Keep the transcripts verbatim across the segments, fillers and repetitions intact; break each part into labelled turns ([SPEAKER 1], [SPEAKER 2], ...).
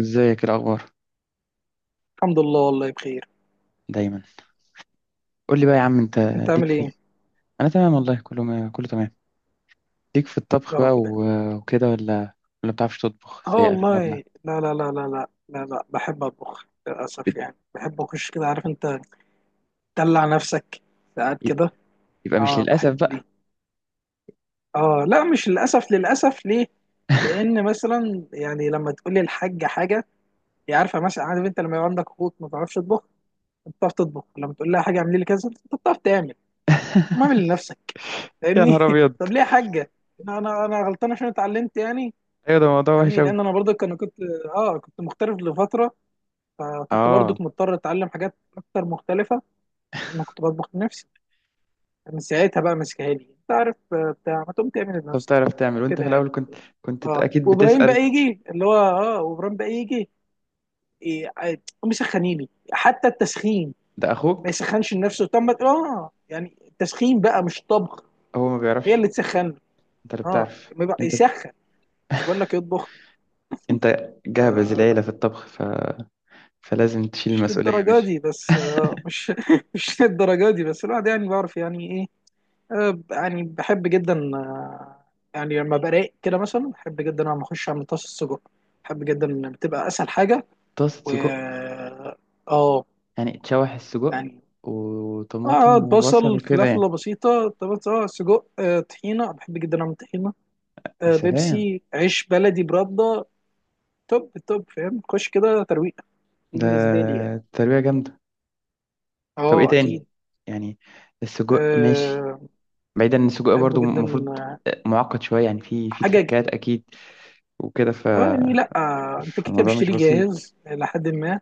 [SPEAKER 1] ازيك، إيه الاخبار؟
[SPEAKER 2] الحمد لله، والله بخير.
[SPEAKER 1] دايما. قول لي بقى يا عم، انت
[SPEAKER 2] انت
[SPEAKER 1] ليك
[SPEAKER 2] عامل
[SPEAKER 1] في
[SPEAKER 2] ايه؟
[SPEAKER 1] ال... انا تمام والله، كله ما... كله تمام. ليك في الطبخ
[SPEAKER 2] يا رب
[SPEAKER 1] بقى و...
[SPEAKER 2] ده.
[SPEAKER 1] وكده، ولا ولا بتعرفش تطبخ
[SPEAKER 2] اه
[SPEAKER 1] زي اغلبنا؟
[SPEAKER 2] والله لا لا لا لا لا لا لا، بحب اطبخ للاسف.
[SPEAKER 1] بت...
[SPEAKER 2] يعني بحب اخش كده، عارف انت، تدلع نفسك ساعات كده.
[SPEAKER 1] يبقى مش
[SPEAKER 2] اه
[SPEAKER 1] للاسف
[SPEAKER 2] بحب
[SPEAKER 1] بقى.
[SPEAKER 2] دي. اه لا، مش للاسف، للاسف ليه؟ لان مثلا يعني لما تقول لي الحاجه حاجه، هي عارفه مثلا. عارف انت، لما يبقى عندك اخوك ما بتعرفش تطبخ، انت بتعرف تطبخ، لما تقول لها حاجه اعملي لي كذا، انت بتعرف تعمل. ما اعمل لنفسك.
[SPEAKER 1] يا
[SPEAKER 2] فاهمني؟
[SPEAKER 1] نهار ابيض.
[SPEAKER 2] طب ليه يا حاجه. انا انا أنا غلطان عشان اتعلمت يعني.
[SPEAKER 1] ايوه ده موضوع وحش
[SPEAKER 2] فاهمني،
[SPEAKER 1] قوي.
[SPEAKER 2] لان انا برضك انا كنت اه كنت مغترب لفتره. فكنت
[SPEAKER 1] اه.
[SPEAKER 2] برضك مضطر اتعلم حاجات اكتر مختلفه. لان كنت بطبخ لنفسي. من ساعتها بقى ماسكها لي، انت عارف، آه، بتاع ما تقوم تعمل
[SPEAKER 1] طب
[SPEAKER 2] لنفسك.
[SPEAKER 1] تعرف تعمل، وانت
[SPEAKER 2] كده
[SPEAKER 1] في
[SPEAKER 2] يعني.
[SPEAKER 1] الاول كنت كنت
[SPEAKER 2] اه
[SPEAKER 1] اكيد
[SPEAKER 2] وابراهيم
[SPEAKER 1] بتسأل؟
[SPEAKER 2] بقى يجي اللي هو اه وابراهيم بقى يجي، إيه، عاد، قوم يسخنيني حتى التسخين.
[SPEAKER 1] ده اخوك،
[SPEAKER 2] ما يسخنش لنفسه؟ طب ما اه يعني التسخين بقى مش طبخ.
[SPEAKER 1] هو ما
[SPEAKER 2] هي
[SPEAKER 1] بيعرفش،
[SPEAKER 2] اللي تسخن.
[SPEAKER 1] انت اللي
[SPEAKER 2] اه
[SPEAKER 1] بتعرف.
[SPEAKER 2] ما يبقى-
[SPEAKER 1] انت
[SPEAKER 2] يسخن. مش بقول لك يطبخ.
[SPEAKER 1] انت جابز
[SPEAKER 2] آه،
[SPEAKER 1] العيله في الطبخ، ف... فلازم تشيل
[SPEAKER 2] مش
[SPEAKER 1] المسؤوليه،
[SPEAKER 2] للدرجة
[SPEAKER 1] مش؟
[SPEAKER 2] دي بس. آه، مش مش للدرجة دي بس، الواحد يعني بعرف يعني ايه. آه، يعني بحب جدا. آه، يعني لما براق كده مثلا، بحب جدا لما اخش اعمل طاسة سجق. بحب جدا إن بتبقى اسهل حاجة.
[SPEAKER 1] طاسه
[SPEAKER 2] و
[SPEAKER 1] سجق؟
[SPEAKER 2] اه آه،
[SPEAKER 1] يعني تشوح السجق
[SPEAKER 2] يعني اه
[SPEAKER 1] وطماطم وبصل
[SPEAKER 2] بصل
[SPEAKER 1] وكده
[SPEAKER 2] فلفلة
[SPEAKER 1] يعني.
[SPEAKER 2] بسيطة طبعا، اه سجق، آه، طحينة. بحب جدا اعمل طحينة.
[SPEAKER 1] يا
[SPEAKER 2] آه،
[SPEAKER 1] سلام.
[SPEAKER 2] بيبسي، عيش بلدي برده. توب توب، فاهم، خش كده ترويقة. دي
[SPEAKER 1] ده
[SPEAKER 2] بالنسبة لي يعني.
[SPEAKER 1] تربية جامدة. طب ايه
[SPEAKER 2] اه اكيد.
[SPEAKER 1] تاني يعني؟ السجق ماشي،
[SPEAKER 2] آه،
[SPEAKER 1] بعيدا ان السجق
[SPEAKER 2] بحب
[SPEAKER 1] برضو
[SPEAKER 2] جدا.
[SPEAKER 1] المفروض معقد شوية، يعني في في
[SPEAKER 2] حاجه ج-
[SPEAKER 1] تريكات اكيد وكده ف
[SPEAKER 2] اه يعني لا، آه، انت كيكه
[SPEAKER 1] فالموضوع مش
[SPEAKER 2] بتشتري
[SPEAKER 1] بسيط.
[SPEAKER 2] جاهز لحد ما.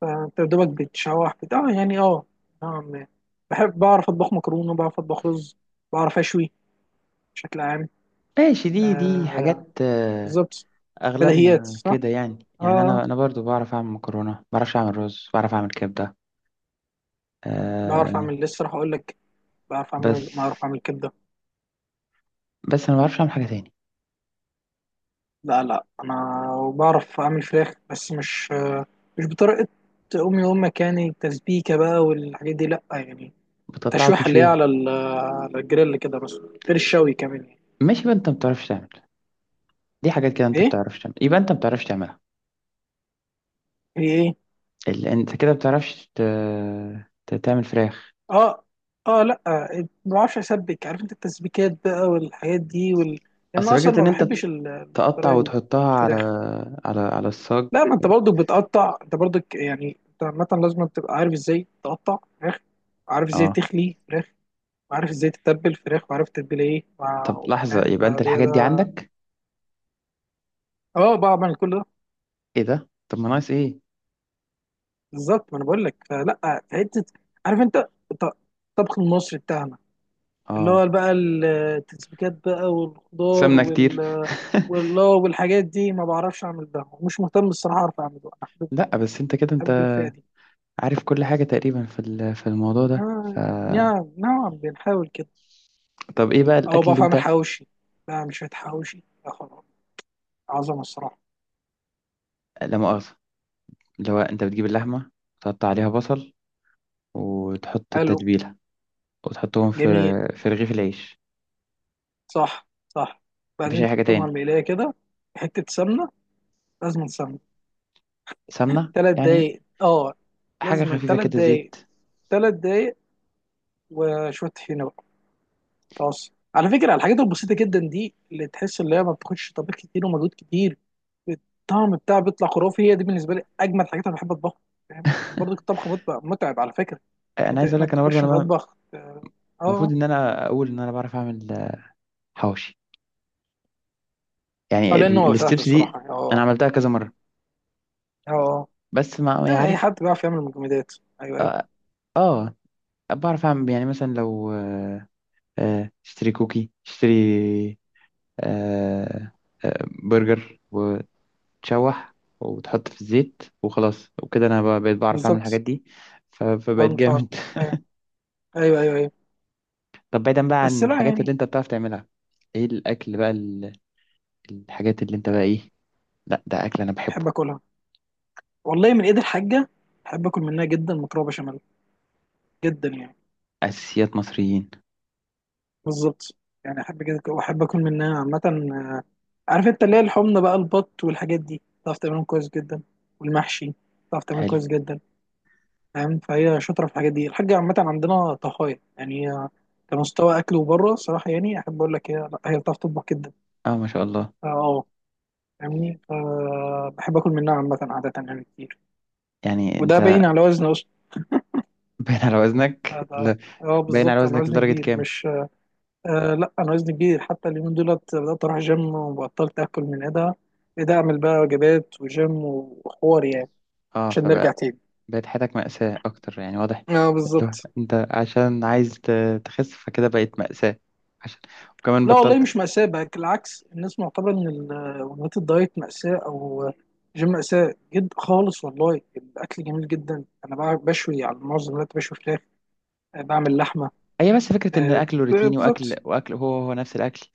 [SPEAKER 2] فانت دوبك بتشوح بت... اه يعني اه نوعاً ما. بحب، بعرف اطبخ مكرونه، بعرف اطبخ رز، بعرف اشوي. بشكل عام.
[SPEAKER 1] ماشي، دي دي
[SPEAKER 2] آه
[SPEAKER 1] حاجات، آه،
[SPEAKER 2] بالظبط. بديهيات
[SPEAKER 1] اغلبنا
[SPEAKER 2] صح.
[SPEAKER 1] كده يعني يعني
[SPEAKER 2] اه،
[SPEAKER 1] انا انا برضو بعرف اعمل مكرونة، بعرفش اعمل رز، بعرف اعمل كبدة.
[SPEAKER 2] بعرف
[SPEAKER 1] أه.
[SPEAKER 2] اعمل، لسه راح اقول لك، بعرف
[SPEAKER 1] بس
[SPEAKER 2] اعمل بعرف اعمل كبده.
[SPEAKER 1] بس انا ما بعرفش اعمل حاجة تاني.
[SPEAKER 2] لا لا، انا وبعرف اعمل فراخ، بس مش، مش بطريقه امي وامك يعني. تسبيكه بقى والحاجات دي لا يعني.
[SPEAKER 1] بتقطعها
[SPEAKER 2] تشويحه اللي هي
[SPEAKER 1] وتشويها.
[SPEAKER 2] على ال- على الجريل كده، بس غير الشوي كمان يعني.
[SPEAKER 1] ماشي، يبقى انت ما بتعرفش تعمل. دي حاجات كده انت ما
[SPEAKER 2] ايه
[SPEAKER 1] بتعرفش تعمل، يبقى انت ما بتعرفش تعملها.
[SPEAKER 2] ايه ايه.
[SPEAKER 1] ال... انت كده بتعرفش ت... ت... تعمل فراخ.
[SPEAKER 2] اه اه لا، ما بعرفش اسبك، عارف انت، التسبيكات بقى والحاجات دي وال... لان
[SPEAKER 1] اصل
[SPEAKER 2] اصلا
[SPEAKER 1] فكرة
[SPEAKER 2] ما
[SPEAKER 1] ان انت
[SPEAKER 2] بحبش
[SPEAKER 1] ت-
[SPEAKER 2] ال-
[SPEAKER 1] تقطع
[SPEAKER 2] الطريقه دي.
[SPEAKER 1] وتحطها على
[SPEAKER 2] الفراخ.
[SPEAKER 1] على على الصاج.
[SPEAKER 2] لا، ما انت برضو بتقطع، انت برضو يعني انت عامه لازم تبقى عارف ازاي تقطع فراخ، وعارف ازاي
[SPEAKER 1] اه.
[SPEAKER 2] تخلي فراخ، وعارف ازاي تتبل فراخ، وعارف تتبل ايه
[SPEAKER 1] طب
[SPEAKER 2] مع-
[SPEAKER 1] لحظة،
[SPEAKER 2] فاهم؟
[SPEAKER 1] يبقى انت
[SPEAKER 2] فده
[SPEAKER 1] الحاجات دي
[SPEAKER 2] ده.
[SPEAKER 1] عندك.
[SPEAKER 2] اه بعمل كل ده.
[SPEAKER 1] ايه ده، طب ما ناقص ايه؟
[SPEAKER 2] بالظبط، ما انا بقول لك، فلا في حته، عارف انت، الط- الطبخ المصري بتاعنا، اللي
[SPEAKER 1] اه
[SPEAKER 2] هو بقى التسبيكات بقى والخضار
[SPEAKER 1] سمنة كتير.
[SPEAKER 2] وال وال- والحاجات دي، ما بعرفش اعمل ده، ومش مهتم الصراحه اعرف اعمله انا. حابب،
[SPEAKER 1] لا بس انت كده انت
[SPEAKER 2] حابب الفئه دي.
[SPEAKER 1] عارف كل حاجة تقريبا في ال- في الموضوع ده ف...
[SPEAKER 2] آه، نعم نعم، بنحاول كده.
[SPEAKER 1] طب ايه بقى
[SPEAKER 2] او
[SPEAKER 1] الاكل اللي
[SPEAKER 2] بعرف
[SPEAKER 1] انت؟
[SPEAKER 2] اعمل حواوشي. لا مش شويه حواوشي، يا خراب، عظمه الصراحه.
[SPEAKER 1] لا مؤاخذة، اللي هو انت بتجيب اللحمة، تقطع عليها بصل، وتحط
[SPEAKER 2] حلو.
[SPEAKER 1] التتبيلة، وتحطهم في
[SPEAKER 2] جميل.
[SPEAKER 1] في رغيف العيش.
[SPEAKER 2] صح صح.
[SPEAKER 1] مفيش
[SPEAKER 2] بعدين
[SPEAKER 1] اي حاجة
[SPEAKER 2] تحطهم على
[SPEAKER 1] تاني؟
[SPEAKER 2] المقلايه كده. حته سمنه. لازم سمنه.
[SPEAKER 1] سمنة
[SPEAKER 2] ثلاث
[SPEAKER 1] يعني،
[SPEAKER 2] دقايق اه.
[SPEAKER 1] حاجة
[SPEAKER 2] لازم
[SPEAKER 1] خفيفة
[SPEAKER 2] ثلاث
[SPEAKER 1] كده،
[SPEAKER 2] دقايق
[SPEAKER 1] زيت.
[SPEAKER 2] ثلاث دقايق. وشويه طحينه. بص على فكرة، الحاجات البسيطة جدا دي اللي تحس اللي هي ما بتاخدش طبيخ كتير ومجهود كتير، الطعم بتاعها بيطلع خرافي. هي دي بالنسبة لي أجمل حاجات أنا بحب أطبخها. فاهم؟ لأن برضه الطبخ مطبخ متعب على فكرة. يعني
[SPEAKER 1] انا
[SPEAKER 2] أنت
[SPEAKER 1] عايز اقول لك،
[SPEAKER 2] إنك
[SPEAKER 1] انا برضه
[SPEAKER 2] تخش
[SPEAKER 1] انا بقى-
[SPEAKER 2] المطبخ. آه.
[SPEAKER 1] المفروض
[SPEAKER 2] آه،
[SPEAKER 1] ان انا اقول ان انا بعرف اعمل آه، حواوشي،
[SPEAKER 2] آه،
[SPEAKER 1] يعني
[SPEAKER 2] لأن
[SPEAKER 1] ال-
[SPEAKER 2] هو سهل
[SPEAKER 1] الستبس دي.
[SPEAKER 2] الصراحة.
[SPEAKER 1] انا
[SPEAKER 2] آه
[SPEAKER 1] عملتها كذا مرة
[SPEAKER 2] آه.
[SPEAKER 1] بس ما ما
[SPEAKER 2] لا، أي
[SPEAKER 1] يعرف.
[SPEAKER 2] حد بيعرف يعمل مجمدات. أيوه أيوه.
[SPEAKER 1] اه. آه، بعرف اعمل يعني، مثلا لو آه، آه، اشتري كوكي، اشتري آه، آه، برجر، وتشوح وتحط في الزيت وخلاص، وكده انا بقى- بقيت بعرف اعمل الحاجات
[SPEAKER 2] بالظبط.
[SPEAKER 1] دي، ف- فبقيت
[SPEAKER 2] ضمن فعلا.
[SPEAKER 1] جامد.
[SPEAKER 2] أيوه أيوه أيوه. أيوه.
[SPEAKER 1] طب بعيدا بقى عن
[SPEAKER 2] بس لا
[SPEAKER 1] الحاجات اللي
[SPEAKER 2] يعني.
[SPEAKER 1] انت بتعرف تعملها، ايه الاكل بقى، ال- الحاجات اللي انت بقى ايه؟ لا ده اكل انا
[SPEAKER 2] بحب
[SPEAKER 1] بحبه،
[SPEAKER 2] أكلها، والله، من إيد الحاجة. بحب أكل منها جدا مكرونة بشاميل. جدا يعني.
[SPEAKER 1] اساسيات مصريين.
[SPEAKER 2] بالظبط. يعني احب كده واحب اكل منها عامه. آه، عارف انت، اللي هي الحمص بقى، البط والحاجات دي، تعرف تعملهم كويس جدا. والمحشي تعرف تعمله
[SPEAKER 1] حلو.
[SPEAKER 2] كويس جدا. فاهم؟ فهي شاطره في الحاجات دي. الحاجه عامه عندنا طهايه يعني. هي كمستوى اكل وبره صراحه يعني، احب اقول لك، هي لا، هي بتعرف تطبخ جدا.
[SPEAKER 1] اه ما شاء الله.
[SPEAKER 2] فا اه فاهمني. فبحب اكل منها عامه عاده يعني كتير.
[SPEAKER 1] يعني
[SPEAKER 2] وده
[SPEAKER 1] انت
[SPEAKER 2] باين على وزني اصلا.
[SPEAKER 1] باين على
[SPEAKER 2] ده-
[SPEAKER 1] وزنك،
[SPEAKER 2] ده-
[SPEAKER 1] لا؟
[SPEAKER 2] اه
[SPEAKER 1] باين على
[SPEAKER 2] بالظبط، انا
[SPEAKER 1] وزنك
[SPEAKER 2] وزني
[SPEAKER 1] لدرجة
[SPEAKER 2] كبير،
[SPEAKER 1] كام؟
[SPEAKER 2] مش. آه لا، انا وزني كبير. حتى اليومين دولت بدات اروح جيم، وبطلت اكل من ايدها، ايدها اعمل بقى وجبات وجيم وحوار يعني.
[SPEAKER 1] اه،
[SPEAKER 2] عشان نرجع
[SPEAKER 1] فبقى
[SPEAKER 2] تاني.
[SPEAKER 1] بقت حياتك مأساة اكتر يعني، واضح.
[SPEAKER 2] اه
[SPEAKER 1] لو
[SPEAKER 2] بالظبط.
[SPEAKER 1] انت عشان عايز ت- تخس، فكده بقت مأساة، عشان وكمان
[SPEAKER 2] لا والله
[SPEAKER 1] بطلت.
[SPEAKER 2] مش مأساة بقى، بالعكس. الناس معتبرة ان ال- وجبات الدايت مأساة او جيم مأساة جد خالص. والله الاكل جميل جدا. انا بقى بشوي على معظم الوقت، بشوي فراخ، آه، بعمل لحمة.
[SPEAKER 1] هي بس فكرة ان
[SPEAKER 2] آه،
[SPEAKER 1] الاكل
[SPEAKER 2] ب-
[SPEAKER 1] روتيني، واكل
[SPEAKER 2] بالظبط.
[SPEAKER 1] واكل هو هو نفس الاكل،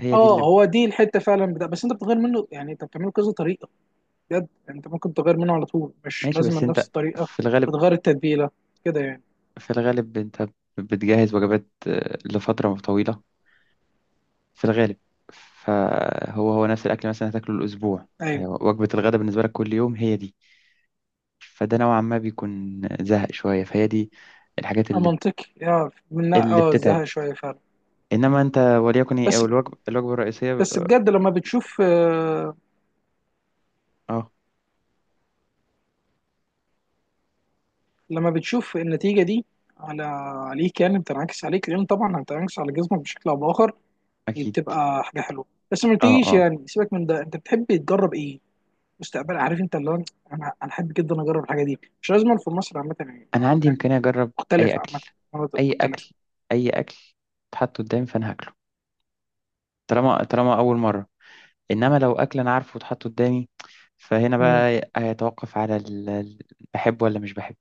[SPEAKER 1] هي دي اللي
[SPEAKER 2] اه
[SPEAKER 1] ب-
[SPEAKER 2] هو دي الحتة فعلا بتاع، بس انت بتغير منه يعني، انت بتعمله كذا طريقة. بجد انت ممكن تغير منه على طول، مش
[SPEAKER 1] ماشي.
[SPEAKER 2] لازم
[SPEAKER 1] بس
[SPEAKER 2] نفس
[SPEAKER 1] انت
[SPEAKER 2] الطريقه،
[SPEAKER 1] في الغالب،
[SPEAKER 2] وتغير التتبيله كده يعني.
[SPEAKER 1] في الغالب انت بتجهز وجبات، آه، لفترة طويلة، في الغالب. فهو هو نفس الأكل، مثلا هتاكله الأسبوع،
[SPEAKER 2] ايوه.
[SPEAKER 1] هي وجبة الغداء بالنسبة لك كل يوم هي دي. فده نوعا ما بيكون زهق شوية، فهي دي الحاجات
[SPEAKER 2] آه،
[SPEAKER 1] اللي
[SPEAKER 2] منطقي، يا من
[SPEAKER 1] اللي
[SPEAKER 2] اه،
[SPEAKER 1] بتتعب.
[SPEAKER 2] زهق شويه فعلا.
[SPEAKER 1] إنما أنت وليكن إيه،
[SPEAKER 2] بس
[SPEAKER 1] أو الوجبة الوجبة الرئيسية؟
[SPEAKER 2] بس بجد، لما بتشوف آه،
[SPEAKER 1] أه.
[SPEAKER 2] لما بتشوف النتيجه دي على، عليك يعني، بتنعكس عليك، لان طبعا هتنعكس على جسمك بشكل او باخر. دي
[SPEAKER 1] أكيد.
[SPEAKER 2] بتبقى حاجه حلوه. بس ما
[SPEAKER 1] أه
[SPEAKER 2] تيجيش
[SPEAKER 1] أه.
[SPEAKER 2] يعني، سيبك من ده، انت بتحب تجرب ايه مستقبل؟ عارف انت، اللي هو، انا انا احب جدا اجرب الحاجه دي، مش لازم في مصر عامه يعني.
[SPEAKER 1] أنا عندي
[SPEAKER 2] يعني
[SPEAKER 1] إمكانية أجرب أي
[SPEAKER 2] مختلفه
[SPEAKER 1] أكل،
[SPEAKER 2] عامه، مناطق
[SPEAKER 1] أي
[SPEAKER 2] مختلفه.
[SPEAKER 1] أكل، أي أكل اتحط قدامي فأنا هاكله، طالما طالما أول مرة. إنما لو أكل أنا عارفه اتحط قدامي، فهنا بقى هيتوقف على ال... ال- بحبه ولا مش بحبه.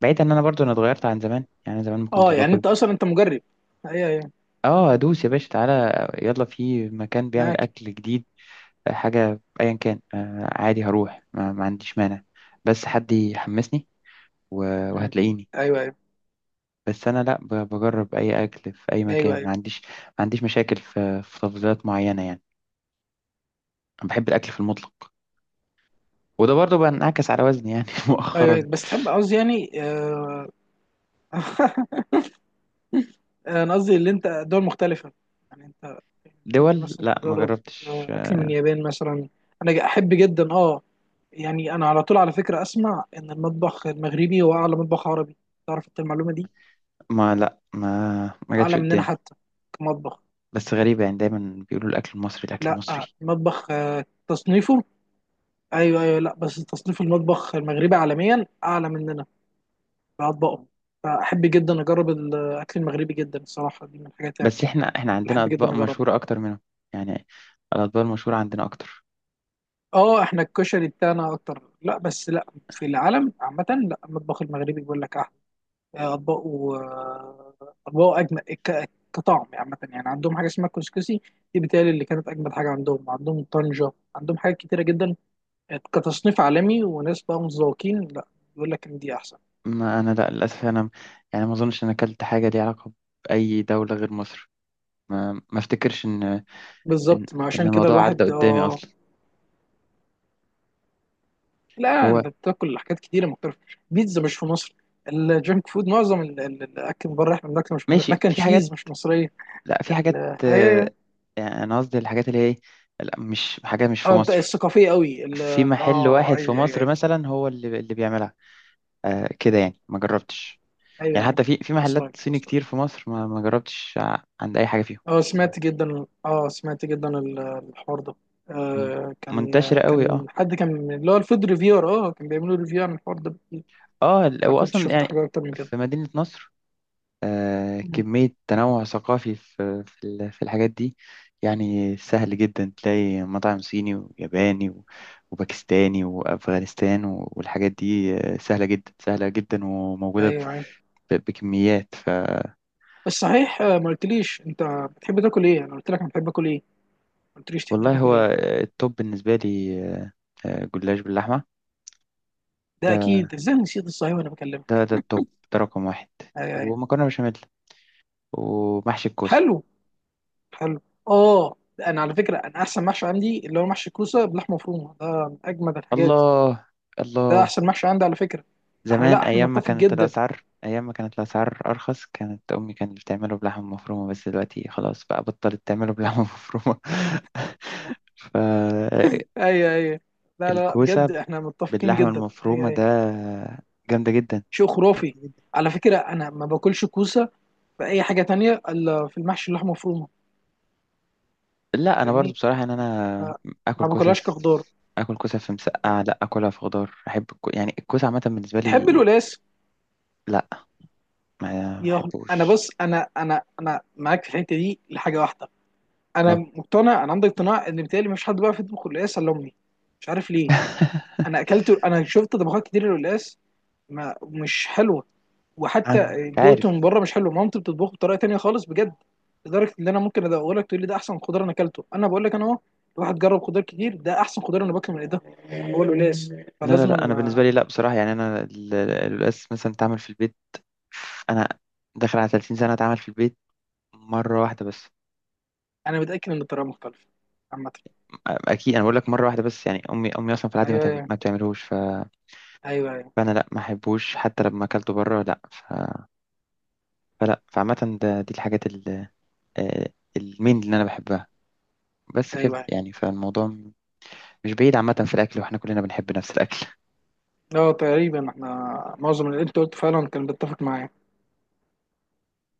[SPEAKER 1] بعيد ان انا برضو انا اتغيرت عن زمان، يعني زمان ما كنتش
[SPEAKER 2] اه يعني
[SPEAKER 1] باكل.
[SPEAKER 2] انت اصلا انت مجرب. ايوه ايوه. مم.
[SPEAKER 1] اه، ادوس يا باشا، تعالى يلا، في مكان بيعمل
[SPEAKER 2] معاك.
[SPEAKER 1] اكل جديد، حاجه ايا كان، آه عادي، هروح، ما, ما عنديش مانع، بس حد يحمسني و-
[SPEAKER 2] مم.
[SPEAKER 1] وهتلاقيني.
[SPEAKER 2] ايوه ايوه
[SPEAKER 1] بس انا لا، ب- بجرب اي اكل في اي
[SPEAKER 2] ايوه.
[SPEAKER 1] مكان، ما
[SPEAKER 2] ايوه
[SPEAKER 1] عنديش، ما عنديش مشاكل في, في تفضيلات معينه يعني. انا بحب الاكل في المطلق، وده برضو بنعكس على وزني يعني
[SPEAKER 2] ايوه
[SPEAKER 1] مؤخرا.
[SPEAKER 2] أيوة. بس تحب قصدي يعني. آه، انا قصدي اللي انت دول مختلفه، يعني انت تحب
[SPEAKER 1] دول
[SPEAKER 2] مثلا
[SPEAKER 1] لا ما
[SPEAKER 2] تجرب
[SPEAKER 1] جربتش.
[SPEAKER 2] آه، اكل من اليابان مثلا. انا ج- احب جدا اه. يعني انا على طول على فكره اسمع ان المطبخ المغربي هو اعلى مطبخ عربي، تعرف انت المعلومه دي؟
[SPEAKER 1] ما لا ما ما جاتش
[SPEAKER 2] اعلى مننا
[SPEAKER 1] قدامي.
[SPEAKER 2] حتى، كمطبخ.
[SPEAKER 1] بس غريبة يعني، دايما بيقولوا الأكل المصري، الأكل
[SPEAKER 2] لا
[SPEAKER 1] المصري.
[SPEAKER 2] المطبخ آه، تصنيفه. ايوه ايوه، لا بس تصنيف المطبخ المغربي عالميا اعلى من، بأطباقهم. فأحب جدا أجرب الأكل المغربي جدا الصراحة، دي من الحاجات يعني
[SPEAKER 1] بس احنا احنا
[SPEAKER 2] اللي
[SPEAKER 1] عندنا
[SPEAKER 2] أحب
[SPEAKER 1] اطباق
[SPEAKER 2] جدا أجربها.
[SPEAKER 1] مشهوره اكتر منهم، يعني الاطباق المشهوره عندنا اكتر.
[SPEAKER 2] أه إحنا الكشري بتاعنا أكتر. لا بس لا، في العالم عامة لا، المطبخ المغربي بيقول لك أحلى آه، أطباقه، آه، أطباقه أجمل ك- كطعم يعني عامة. يعني عندهم حاجة اسمها كسكسي، دي بتهيألي اللي كانت أجمل حاجة عندهم. عندهم طنجة، عندهم حاجات كتيرة جدا، آه، كتصنيف عالمي وناس بقى متذوقين، لا، بيقول لك إن دي أحسن.
[SPEAKER 1] ما انا لا، للاسف انا يعني ما اظنش ان أنا اكلت حاجه ليها علاقه باي دوله غير مصر، ما ما افتكرش ان ان
[SPEAKER 2] بالظبط، ما
[SPEAKER 1] ان
[SPEAKER 2] عشان كده
[SPEAKER 1] الموضوع عدى
[SPEAKER 2] الواحد
[SPEAKER 1] قدامي
[SPEAKER 2] اه.
[SPEAKER 1] اصلا.
[SPEAKER 2] لا
[SPEAKER 1] هو
[SPEAKER 2] انت بتاكل حاجات كتيره مختلفه. بيتزا مش في مصر. الجنك فود، معظم ال- ال- الاكل بره احنا بناكله مش مصري،
[SPEAKER 1] ماشي،
[SPEAKER 2] ماكن
[SPEAKER 1] في حاجات،
[SPEAKER 2] تشيز مش مصريه.
[SPEAKER 1] لا في حاجات،
[SPEAKER 2] ال-
[SPEAKER 1] آه،
[SPEAKER 2] هي
[SPEAKER 1] يعني انا قصدي الحاجات اللي هي إيه، لا مش حاجه مش في
[SPEAKER 2] اه انت
[SPEAKER 1] مصر،
[SPEAKER 2] الثقافيه قوي ال-
[SPEAKER 1] في
[SPEAKER 2] ال-
[SPEAKER 1] محل
[SPEAKER 2] اه
[SPEAKER 1] واحد في
[SPEAKER 2] ايوه ايوه
[SPEAKER 1] مصر
[SPEAKER 2] ايوه.
[SPEAKER 1] مثلا هو اللي اللي بيعملها، آه كده يعني، ما جربتش. يعني
[SPEAKER 2] ايوه ايوه.
[SPEAKER 1] حتى في في محلات
[SPEAKER 2] وصلك
[SPEAKER 1] صيني
[SPEAKER 2] وصلك.
[SPEAKER 1] كتير في مصر ما ما جربتش ع- عند اي حاجه فيهم.
[SPEAKER 2] اه سمعت جدا، اه سمعت جدا ال- الحوار ده.
[SPEAKER 1] مم.
[SPEAKER 2] آه كان
[SPEAKER 1] منتشرة
[SPEAKER 2] آه،
[SPEAKER 1] قوي
[SPEAKER 2] كان
[SPEAKER 1] اه.
[SPEAKER 2] حد كان من- اللي هو الفود ريفيور، اه كان بيعملوا ريفيو عن الحوار ده بكتير.
[SPEAKER 1] اه ال-
[SPEAKER 2] فكنت
[SPEAKER 1] واصلا
[SPEAKER 2] شفت
[SPEAKER 1] يعني
[SPEAKER 2] حاجات اكتر من كده.
[SPEAKER 1] في مدينة نصر، آه
[SPEAKER 2] مم.
[SPEAKER 1] كمية تنوع ثقافي في في ال- في الحاجات دي، يعني سهل جدا تلاقي مطعم صيني وياباني و- وباكستاني وأفغانستان و- والحاجات دي، آه، سهلة جدا سهلة جدا وموجودة
[SPEAKER 2] ايوه ايوه.
[SPEAKER 1] ب- بكميات. ف
[SPEAKER 2] بس صحيح، آه، ما قلتليش انت بتحب تاكل ايه. انا قلت لك انا بحب اكل ايه، قلت ليش تحب
[SPEAKER 1] والله
[SPEAKER 2] تاكل
[SPEAKER 1] هو
[SPEAKER 2] ايه.
[SPEAKER 1] آه، التوب بالنسبة لي، آه، آه، جلاش باللحمة.
[SPEAKER 2] ده
[SPEAKER 1] ده
[SPEAKER 2] اكيد، ازاي نسيت الصحيح وانا
[SPEAKER 1] ده
[SPEAKER 2] بكلمك.
[SPEAKER 1] ده التوب، ده رقم واحد،
[SPEAKER 2] أيوة أيوة.
[SPEAKER 1] ومكرونة بشاميل، ومحشي الكوسة.
[SPEAKER 2] حلو. حلو. اه، انا على فكره انا احسن محشي عندي اللي هو محشي كوسه بلحمه مفرومه، ده من اجمد الحاجات.
[SPEAKER 1] الله،
[SPEAKER 2] ده
[SPEAKER 1] الله.
[SPEAKER 2] احسن محشي عندي على فكره. احنا
[SPEAKER 1] زمان،
[SPEAKER 2] لا، احنا
[SPEAKER 1] ايام ما
[SPEAKER 2] نتفق
[SPEAKER 1] كانت
[SPEAKER 2] جدا.
[SPEAKER 1] الاسعار ايام ما كانت الاسعار ارخص، كانت امي كانت بتعمله بلحمه مفرومه، بس دلوقتي خلاص بقى بطلت تعمله بلحمه مفرومه. فالكوسه
[SPEAKER 2] ايوه ايوه. لا لا لا، بجد احنا متفقين
[SPEAKER 1] باللحمه
[SPEAKER 2] جدا. ايوه
[SPEAKER 1] المفرومه ده
[SPEAKER 2] ايوه.
[SPEAKER 1] جامده جدا.
[SPEAKER 2] شيء خرافي. على فكره انا ما باكلش كوسه في اي حاجه تانية الا في المحشي، اللحمه مفرومه.
[SPEAKER 1] لا انا برضو
[SPEAKER 2] فاهمني.
[SPEAKER 1] بصراحه ان انا
[SPEAKER 2] ما,
[SPEAKER 1] اكل
[SPEAKER 2] ما
[SPEAKER 1] كوسه
[SPEAKER 2] باكلهاش
[SPEAKER 1] في
[SPEAKER 2] كخضار.
[SPEAKER 1] اكل كوسه في مسقعه، لا اكلها في خضار، احب الكو... يعني الكوسه عامه بالنسبه
[SPEAKER 2] تحب
[SPEAKER 1] لي،
[SPEAKER 2] الولاس؟
[SPEAKER 1] لا ما
[SPEAKER 2] يا انا،
[SPEAKER 1] بحبوش.
[SPEAKER 2] بص، انا انا انا معاك في الحته دي لحاجه واحده. انا
[SPEAKER 1] اه.
[SPEAKER 2] مقتنع، انا عندي اقتناع ان بالتالي مفيش حد بقى في يطبخ القلقاس الا امي. مش عارف ليه. انا اكلت انا شفت طبخات كتير للقلقاس، ما مش حلوه،
[SPEAKER 1] أنا
[SPEAKER 2] وحتى
[SPEAKER 1] مش
[SPEAKER 2] دقته
[SPEAKER 1] عارف.
[SPEAKER 2] من بره مش حلو. مامتي بتطبخه بطريقه تانية خالص بجد. لدرجه ان انا ممكن ادوق لك، تقول لي ده احسن خضار انا اكلته. انا بقول لك، انا اهو، الواحد جرب خضار كتير، ده احسن خضار انا باكله من ايدها. هو القلقاس.
[SPEAKER 1] لا لا
[SPEAKER 2] فلازم
[SPEAKER 1] لا، انا
[SPEAKER 2] أن-
[SPEAKER 1] بالنسبه لي لا، بصراحه يعني انا ال- ال- القلقاس مثلا تعمل في البيت، انا داخل على ثلاثين سنه اتعمل في البيت مره واحده بس.
[SPEAKER 2] انا متاكد ان الطريقه مختلفه عامه.
[SPEAKER 1] اكيد انا بقول لك مره واحده بس، يعني امي امي اصلا في العادي ما
[SPEAKER 2] ايوه
[SPEAKER 1] تعم-
[SPEAKER 2] ايوه،
[SPEAKER 1] ما بتعملوش، ف...
[SPEAKER 2] ايوه ايوه.
[SPEAKER 1] فانا لا ما احبوش حتى لما اكلته بره، لا. ف... فلا، فعامه، ده دي الحاجات ال... آه، المين اللي انا بحبها، بس كده
[SPEAKER 2] أيوة.
[SPEAKER 1] يعني فالموضوع م- مش بعيد عامه في الاكل، واحنا كلنا بنحب نفس الاكل.
[SPEAKER 2] اه تقريبا احنا معظم اللي انت قلته فعلا كان بيتفق معايا.